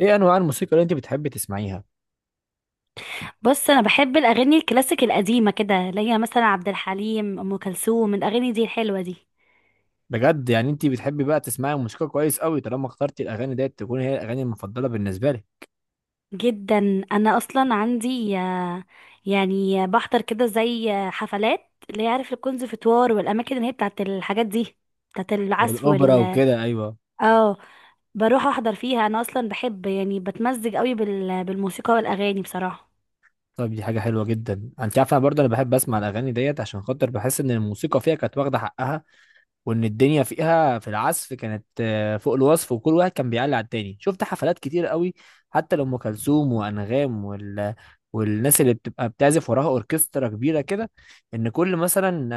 ايه انواع الموسيقى اللي انت بتحبي تسمعيها؟ بص، انا بحب الاغاني الكلاسيك القديمه كده، اللي هي مثلا عبد الحليم، ام كلثوم، الاغاني دي الحلوه دي بجد، يعني انت بتحبي بقى تسمعي موسيقى كويس قوي، طالما اخترتي الاغاني ديت تكون هي الاغاني المفضله بالنسبه لك. جدا. انا اصلا عندي يعني بحضر كده زي حفلات اللي هي عارف الكونسرفتوار والاماكن اللي هي بتاعت الحاجات دي، بتاعت العزف والاوبرا وال وكده، ايوه. اه بروح احضر فيها. انا اصلا بحب يعني بتمزج قوي بالموسيقى والاغاني بصراحه. طب دي حاجه حلوه جدا. انت عارفه، انا برضه بحب اسمع الاغاني ديت، عشان خاطر بحس ان الموسيقى فيها كانت واخده حقها، وان الدنيا فيها في العزف كانت فوق الوصف، وكل واحد كان بيعلي على التاني. شفت حفلات كتير قوي، حتى لام كلثوم وانغام والناس اللي بتبقى بتعزف وراها اوركسترا كبيره كده. ان كل مثلا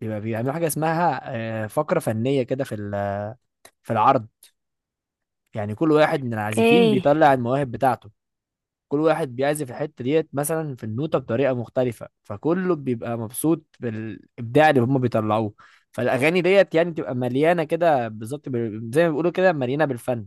بيبقى بيعملوا حاجه اسمها فقره فنيه كده في في العرض. يعني كل واحد من العازفين اوكي، بيطلع المواهب بتاعته. كل واحد بيعزف الحته ديت مثلا في النوته بطريقه مختلفه، فكله بيبقى مبسوط بالابداع اللي هم بيطلعوه. فالاغاني ديت يعني تبقى مليانه كده بالظبط، زي ما بيقولوا كده، مليانه بالفن.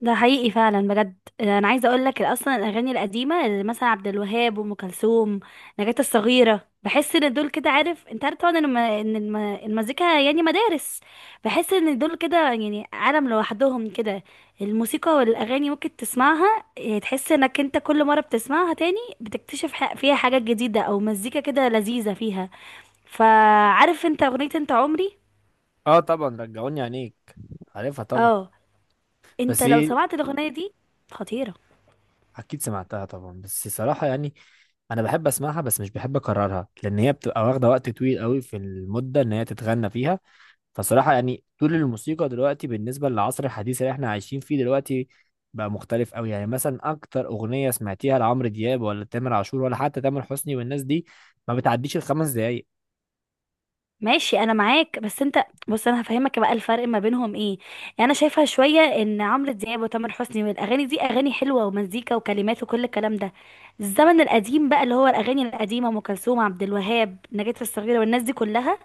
ده حقيقي فعلا بجد. انا عايزه اقول لك، اصلا الاغاني القديمه اللي مثلا عبد الوهاب وام كلثوم، نجاة الصغيره، بحس ان دول كده عارف، انت عارف طبعا ان المزيكا يعني مدارس. بحس ان دول كده يعني عالم لوحدهم كده. الموسيقى والاغاني ممكن تسمعها تحس انك انت كل مره بتسمعها تاني بتكتشف فيها حاجات جديده، او مزيكا كده لذيذه فيها. فعارف انت اغنيه انت عمري؟ اه طبعا، رجعوني عينيك. عارفها طبعا. اه. انت بس لو ايه، سمعت الاغنيه دي، خطيره. اكيد سمعتها طبعا، بس صراحه يعني انا بحب اسمعها بس مش بحب اكررها، لان هي بتبقى واخده وقت طويل قوي في المده ان هي تتغنى فيها. فصراحة يعني طول الموسيقى دلوقتي بالنسبة للعصر الحديث اللي احنا عايشين فيه دلوقتي بقى مختلف قوي. يعني مثلا اكتر اغنية سمعتيها لعمرو دياب ولا تامر عاشور ولا حتى تامر حسني والناس دي ما بتعديش الـ5 دقايق. ماشي، انا معاك، بس انت بص، انا هفهمك بقى الفرق ما بينهم ايه. يعني انا شايفه شويه ان عمرو دياب وتامر حسني والاغاني دي اغاني حلوه ومزيكا وكلمات وكل الكلام ده. الزمن القديم بقى، اللي هو الاغاني القديمه، ام كلثوم، عبد الوهاب، نجاة الصغيره، والناس دي كلها،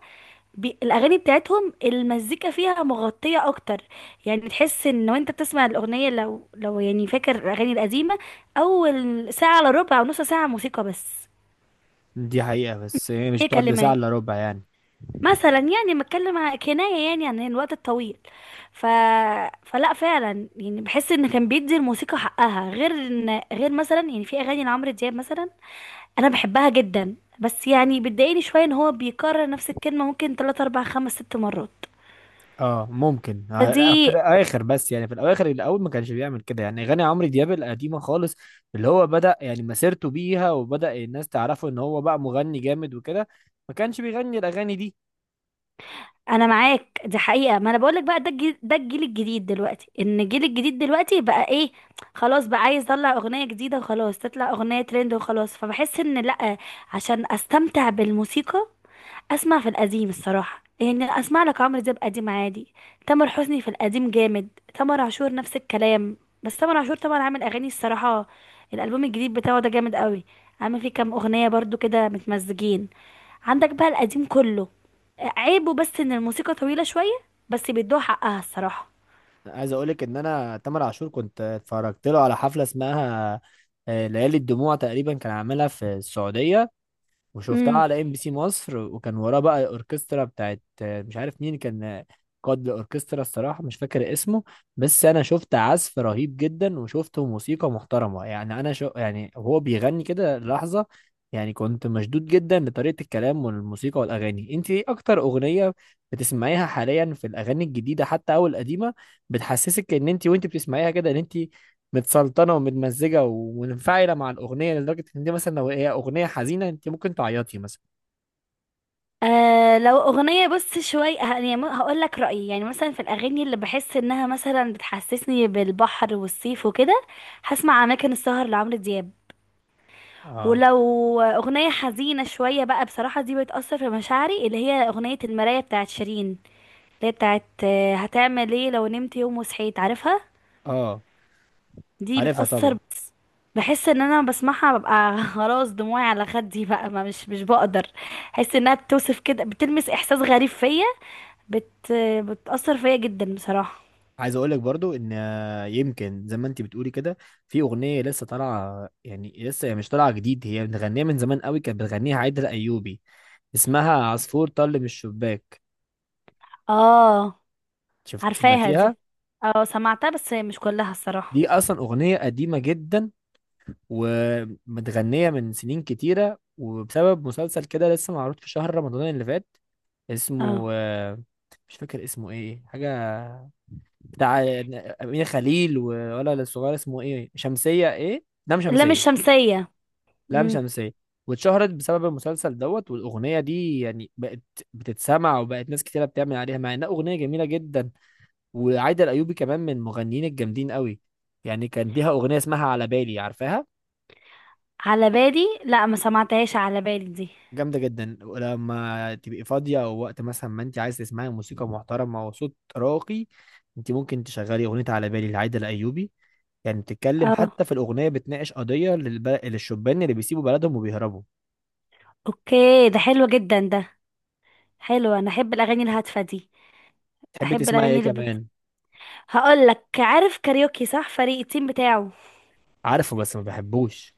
الاغاني بتاعتهم المزيكا فيها مغطيه اكتر. يعني تحس ان وانت بتسمع الاغنيه، لو يعني فاكر الاغاني القديمه، اول ساعه الا ربع او نص ساعه موسيقى بس. دي حقيقة، بس هي مش ايه بتقعد لساعة كلمات؟ الا ربع يعني. مثلا يعني بتكلم كناية يعني عن الوقت الطويل. ف... فلا، فعلا يعني بحس ان كان بيدي الموسيقى حقها، غير ان غير مثلا يعني في اغاني لعمرو دياب مثلا انا بحبها جدا، بس يعني بتضايقني شوية ان هو بيكرر نفس الكلمة ممكن 3 4 5 6 مرات. اه ممكن، لا، فدي في الاخر، بس يعني في الاواخر الاول ما كانش بيعمل كده، يعني اغاني عمرو دياب القديمة خالص اللي هو بدأ يعني مسيرته بيها وبدأ الناس تعرفه ان هو بقى مغني جامد وكده، ما كانش بيغني الاغاني دي. انا معاك، دي حقيقة. ما انا بقولك بقى، ده ده الجيل الجديد دلوقتي، ان الجيل الجديد دلوقتي بقى ايه، خلاص بقى عايز يطلع اغنية جديدة، وخلاص تطلع اغنية ترند وخلاص. فبحس ان لا، عشان استمتع بالموسيقى اسمع في القديم الصراحه. يعني اسمع لك عمرو دياب قديم عادي، تامر حسني في القديم جامد، تامر عاشور نفس الكلام. بس تامر عاشور طبعا عامل اغاني الصراحه، الالبوم الجديد بتاعه ده جامد قوي. عامل فيه كام اغنيه برضو كده متمزجين، عندك بقى القديم كله. عيبه بس ان الموسيقى طويله شويه، بس بيدوها حقها الصراحه. عايز اقولك ان انا تامر عاشور كنت اتفرجت له على حفله اسمها ليالي الدموع، تقريبا كان عاملها في السعوديه، وشفتها على ام بي سي مصر. وكان وراه بقى اوركسترا بتاعت مش عارف مين كان قائد الاوركسترا، الصراحه مش فاكر اسمه. بس انا شفت عزف رهيب جدا وشفته موسيقى محترمه، يعني انا شو يعني هو بيغني كده لحظه. يعني كنت مشدود جدا لطريقه الكلام والموسيقى والاغاني. انت ايه اكتر اغنيه بتسمعيها حاليا في الاغاني الجديده حتى او القديمه بتحسسك ان انت وانت بتسمعيها كده ان انت متسلطنه ومتمزجه ومنفعله مع الاغنيه، لدرجه ان دي مثلا لو هي اغنيه حزينه انت ممكن تعيطي مثلا؟ آه، لو اغنيه بص شويه يعني هقول لك رايي. يعني مثلا في الاغاني اللي بحس انها مثلا بتحسسني بالبحر والصيف وكده، هسمع اماكن السهر لعمرو دياب. اه. ولو اغنيه حزينه شويه بقى، بصراحه دي بتاثر في مشاعري، اللي هي اغنيه المرايه بتاعت شيرين، اللي هي بتاعت هتعمل ايه لو نمت يوم وصحيت، عارفها. اه. دي عارفها بتاثر طبعا. بس. بحس ان انا بسمعها ببقى خلاص دموعي على خدي بقى، ما مش مش بقدر. احس انها بتوصف كده، بتلمس احساس غريب فيا، بت بتأثر فيا جدا بصراحة. عايز اقول لك برضو ان يمكن زي ما انت بتقولي كده، في اغنيه لسه طالعه، يعني لسه هي مش طالعه جديد، هي بتغنيها من زمان قوي، كانت بتغنيها عايده الايوبي، اسمها عصفور طل من الشباك. اه، شفت، عارفاها سمعتيها؟ دي. اه، سمعتها بس مش كلها دي الصراحة. اصلا اغنيه قديمه جدا ومتغنية من سنين كتيرة، وبسبب مسلسل كده لسه معروض في شهر رمضان اللي فات، اسمه اه، مش فاكر اسمه ايه، حاجة بتاع أمينة خليل ولا الصغير، اسمه ايه، شمسية، ايه، لام اللام شمسية. الشمسية. لام امم. شمسية. واتشهرت بسبب المسلسل دوت، والأغنية دي يعني بقت بتتسمع، وبقت ناس كتيرة بتعمل عليها، مع إنها أغنية جميلة جدا. وعايدة الأيوبي كمان من المغنيين الجامدين قوي، يعني كان ليها أغنية اسمها على بالي، عارفاها؟ على بالي؟ لا، ما سمعتهاش على بالي دي. جامدة جدا، ولما تبقي فاضية أو وقت مثلا ما أنت عايز تسمعي موسيقى محترمة وصوت راقي، أنت ممكن تشغلي أغنية على بالي لعايدة الأيوبي. يعني بتتكلم اه، حتى في الأغنية، بتناقش قضية للشبان اللي بيسيبوا بلدهم وبيهربوا. اوكي، ده حلو جدا ده. حلو، انا احب الاغاني الهادفة دي. تحبي احب تسمعي الاغاني إيه كمان؟ هقول لك، عارف كاريوكي صح، فريق التيم بتاعه؟ عارفه بس ما بحبوش.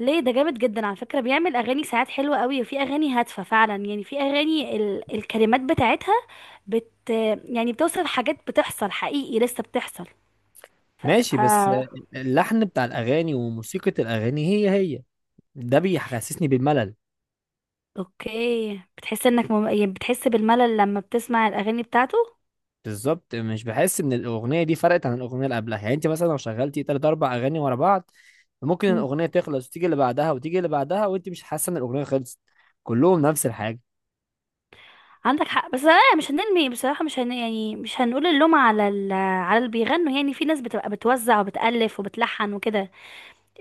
ليه؟ ده جامد جدا على فكرة، بيعمل أغاني ساعات حلوة قوي، وفي أغاني هادفة فعلا. يعني في أغاني الكلمات بتاعتها بت يعني بتوصف حاجات بتحصل حقيقي، لسه بتحصل. ف... ماشي، ف... بس اللحن بتاع الأغاني وموسيقى الأغاني هي هي، ده بيحسسني بالملل. أوكي. بتحس إنك يعني بتحس بالملل لما بتسمع الأغاني بتاعته. بالظبط، مش بحس ان الاغنيه دي فرقت عن الاغنيه اللي قبلها. يعني انت مثلا لو شغلتي 3 4 اغاني ورا بعض، ممكن مم. الاغنيه تخلص وتيجي اللي بعدها وتيجي اللي بعدها وانت مش حاسه ان الاغنيه خلصت. كلهم نفس الحاجه. عندك حق. بس لا، مش هنرمي بصراحة، مش هن... يعني مش هنقول اللوم على على اللي بيغنوا. يعني في ناس بتبقى بتوزع وبتألف وبتلحن وكده.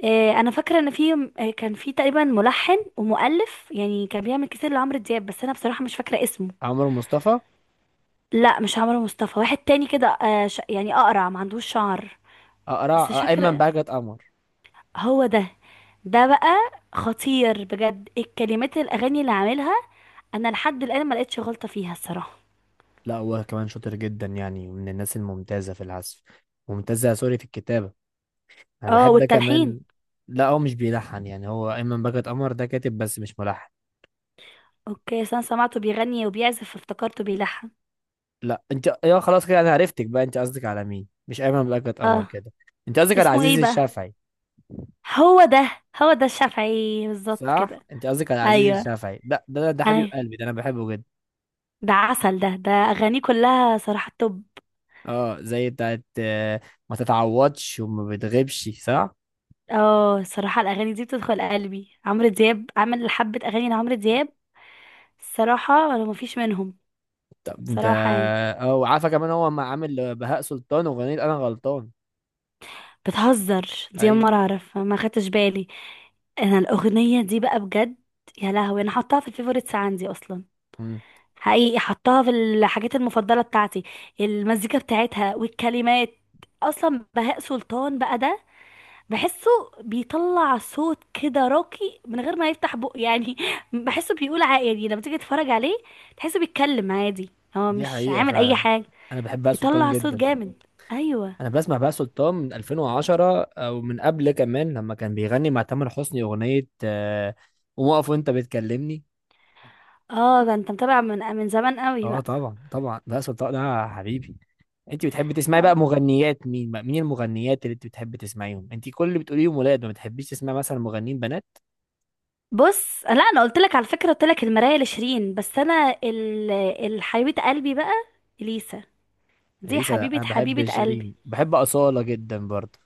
انا فاكره ان في، كان في تقريبا ملحن ومؤلف يعني كان بيعمل كتير لعمرو دياب، بس انا بصراحه مش فاكره اسمه. عمرو مصطفى. لا، مش عمرو مصطفى، واحد تاني كده، يعني اقرع ما عندوش شعر. بس مش اقرع، ايمن فاكره. بهجت قمر. هو ده. ده بقى خطير بجد، الكلمات الاغاني اللي عاملها، انا لحد الان ما لقيتش غلطه فيها الصراحه. لا، هو كمان شاطر جدا، يعني من الناس الممتازه في العزف. ممتازه، سوري، في الكتابه. انا اه، بحب والتلحين. كمان. لا، هو مش بيلحن، يعني هو ايمن بهجت قمر ده كاتب بس مش ملحن. اوكي، أصل انا سمعته بيغني وبيعزف افتكرته بيلحن. لا انت، يا خلاص كده انا عرفتك بقى، انت قصدك على مين. مش ايمن بلقت قمر اه، كده، انت قصدك على اسمه ايه عزيز بقى؟ الشافعي. هو ده، هو ده الشافعي بالظبط صح، كده. انت قصدك على عزيز ايوه. الشافعي، ده حبيب ايوه. قلبي، ده انا بحبه جدا. ده عسل ده اغانيه كلها صراحة توب. اه، زي بتاعت ما تتعوضش وما بتغيبش، صح. اه. الصراحة الاغاني دي بتدخل قلبي. عمرو دياب عمل حبة اغاني لعمرو دياب، الصراحة انا مفيش منهم طب انت. صراحة يعني. اه، وعارفه كمان هو ما عامل بهاء سلطان واغنيه انا غلطان. بتهزر؟ دي اول ايوه. مرة اعرف، ما خدتش بالي. انا الاغنية دي بقى بجد، يا لهوي، انا حطاها في الفيفوريتس عندي اصلا. مم. حقيقي حطاها في الحاجات المفضلة بتاعتي، المزيكا بتاعتها والكلمات. اصلا بهاء سلطان بقى ده، بحسه بيطلع صوت كده راقي من غير ما يفتح بقه يعني بحسه بيقول عادي. لما تيجي تتفرج عليه تحسه بيتكلم عادي، هو دي مش حقيقه عامل اي فعلا، حاجة، انا بحب بهاء سلطان يطلع صوت جدا. جامد. ايوه. انا بسمع بقى سلطان من 2010 او من قبل كمان، لما كان بيغني مع تامر حسني اغنيه قوم اقف وانت بتكلمني. اه، ده انت متابع من زمان قوي اه بقى. طبعا، طبعا بقى سلطان ده حبيبي. انت بتحبي تسمعي بقى آه. مغنيات مين، بقى مين المغنيات اللي انت بتحبي تسمعيهم؟ انت كل اللي بتقوليهم ولاد، ما بتحبيش تسمعي مثلا مغنيين بنات؟ بص، لا، انا قلت لك على فكرة، قلت لك المراية لشيرين، بس انا الحبيبة قلبي بقى، اليسا، دي اليسا. لا، حبيبة انا بحب حبيبة قلبي. شيرين، بحب اصاله جدا برضه.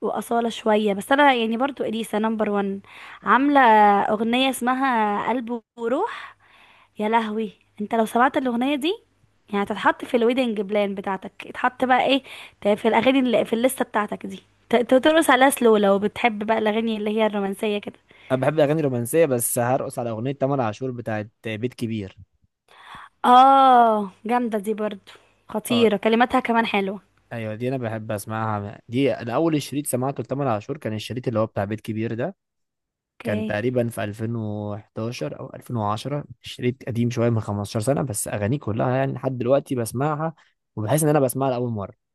وأصالة شوية، بس أنا يعني برضو إليسا نمبر ون. عاملة أغنية اسمها قلب وروح، يا لهوي، انت لو سمعت الاغنيه دي، يعني هتتحط في الويدنج بلان بتاعتك. اتحط بقى ايه، في الاغاني اللي في الليسته بتاعتك دي، ترقص عليها سلو، لو بتحب بقى الاغاني اللي هي الرومانسيه كده. انا بحب الاغاني الرومانسيه، بس هرقص على اغنيه تامر عاشور بتاعت بيت كبير. اه، جامده دي برضو، اه. خطيره، كلماتها كمان حلوه. ايوه، دي انا بحب اسمعها. دي انا اول شريط سمعته لتامر عاشور كان الشريط اللي هو بتاع بيت كبير ده. كان اوكي تقريبا في 2011 او 2010، شريط قديم شويه من 15 سنه، بس اغانيه كلها يعني لحد دلوقتي بسمعها وبحس ان انا بسمعها لاول مره.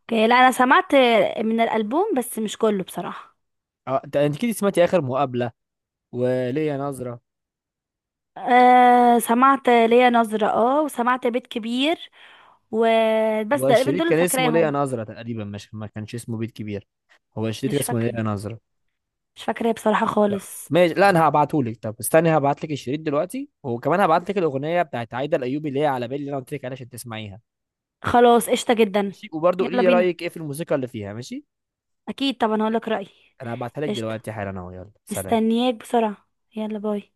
اوكي. لا، انا سمعت من الالبوم بس مش كله بصراحه. انت، اكيد سمعتي اخر مقابله وليا نظره. آه، سمعت ليا نظره، اه، وسمعت بيت كبير، وبس هو تقريبا دول الشريط اللي كان اسمه ليا فاكراهم. نظره تقريبا، مش، ما كانش اسمه بيت كبير. هو الشريط كان مش اسمه فاكره ليا نظره. مش فاكره بصراحه لا. خالص. ماشي، لا، انا هبعتهولك. طب استني، هبعتلك الشريط دلوقتي، وكمان هبعتلك الاغنيه بتاعت عايده الايوبي اللي هي على بالي اللي انا قلت لك عليها عشان تسمعيها. خلاص، قشطة جدا. ماشي، وبرضه قولي يلا لي بينا. رأيك ايه في الموسيقى اللي فيها، ماشي. اكيد طبعا هقولك رأيي. انا هبعتها لك قشطة، دلوقتي حالا اهو، يلا سلام. مستنياك بسرعة. يلا، باي.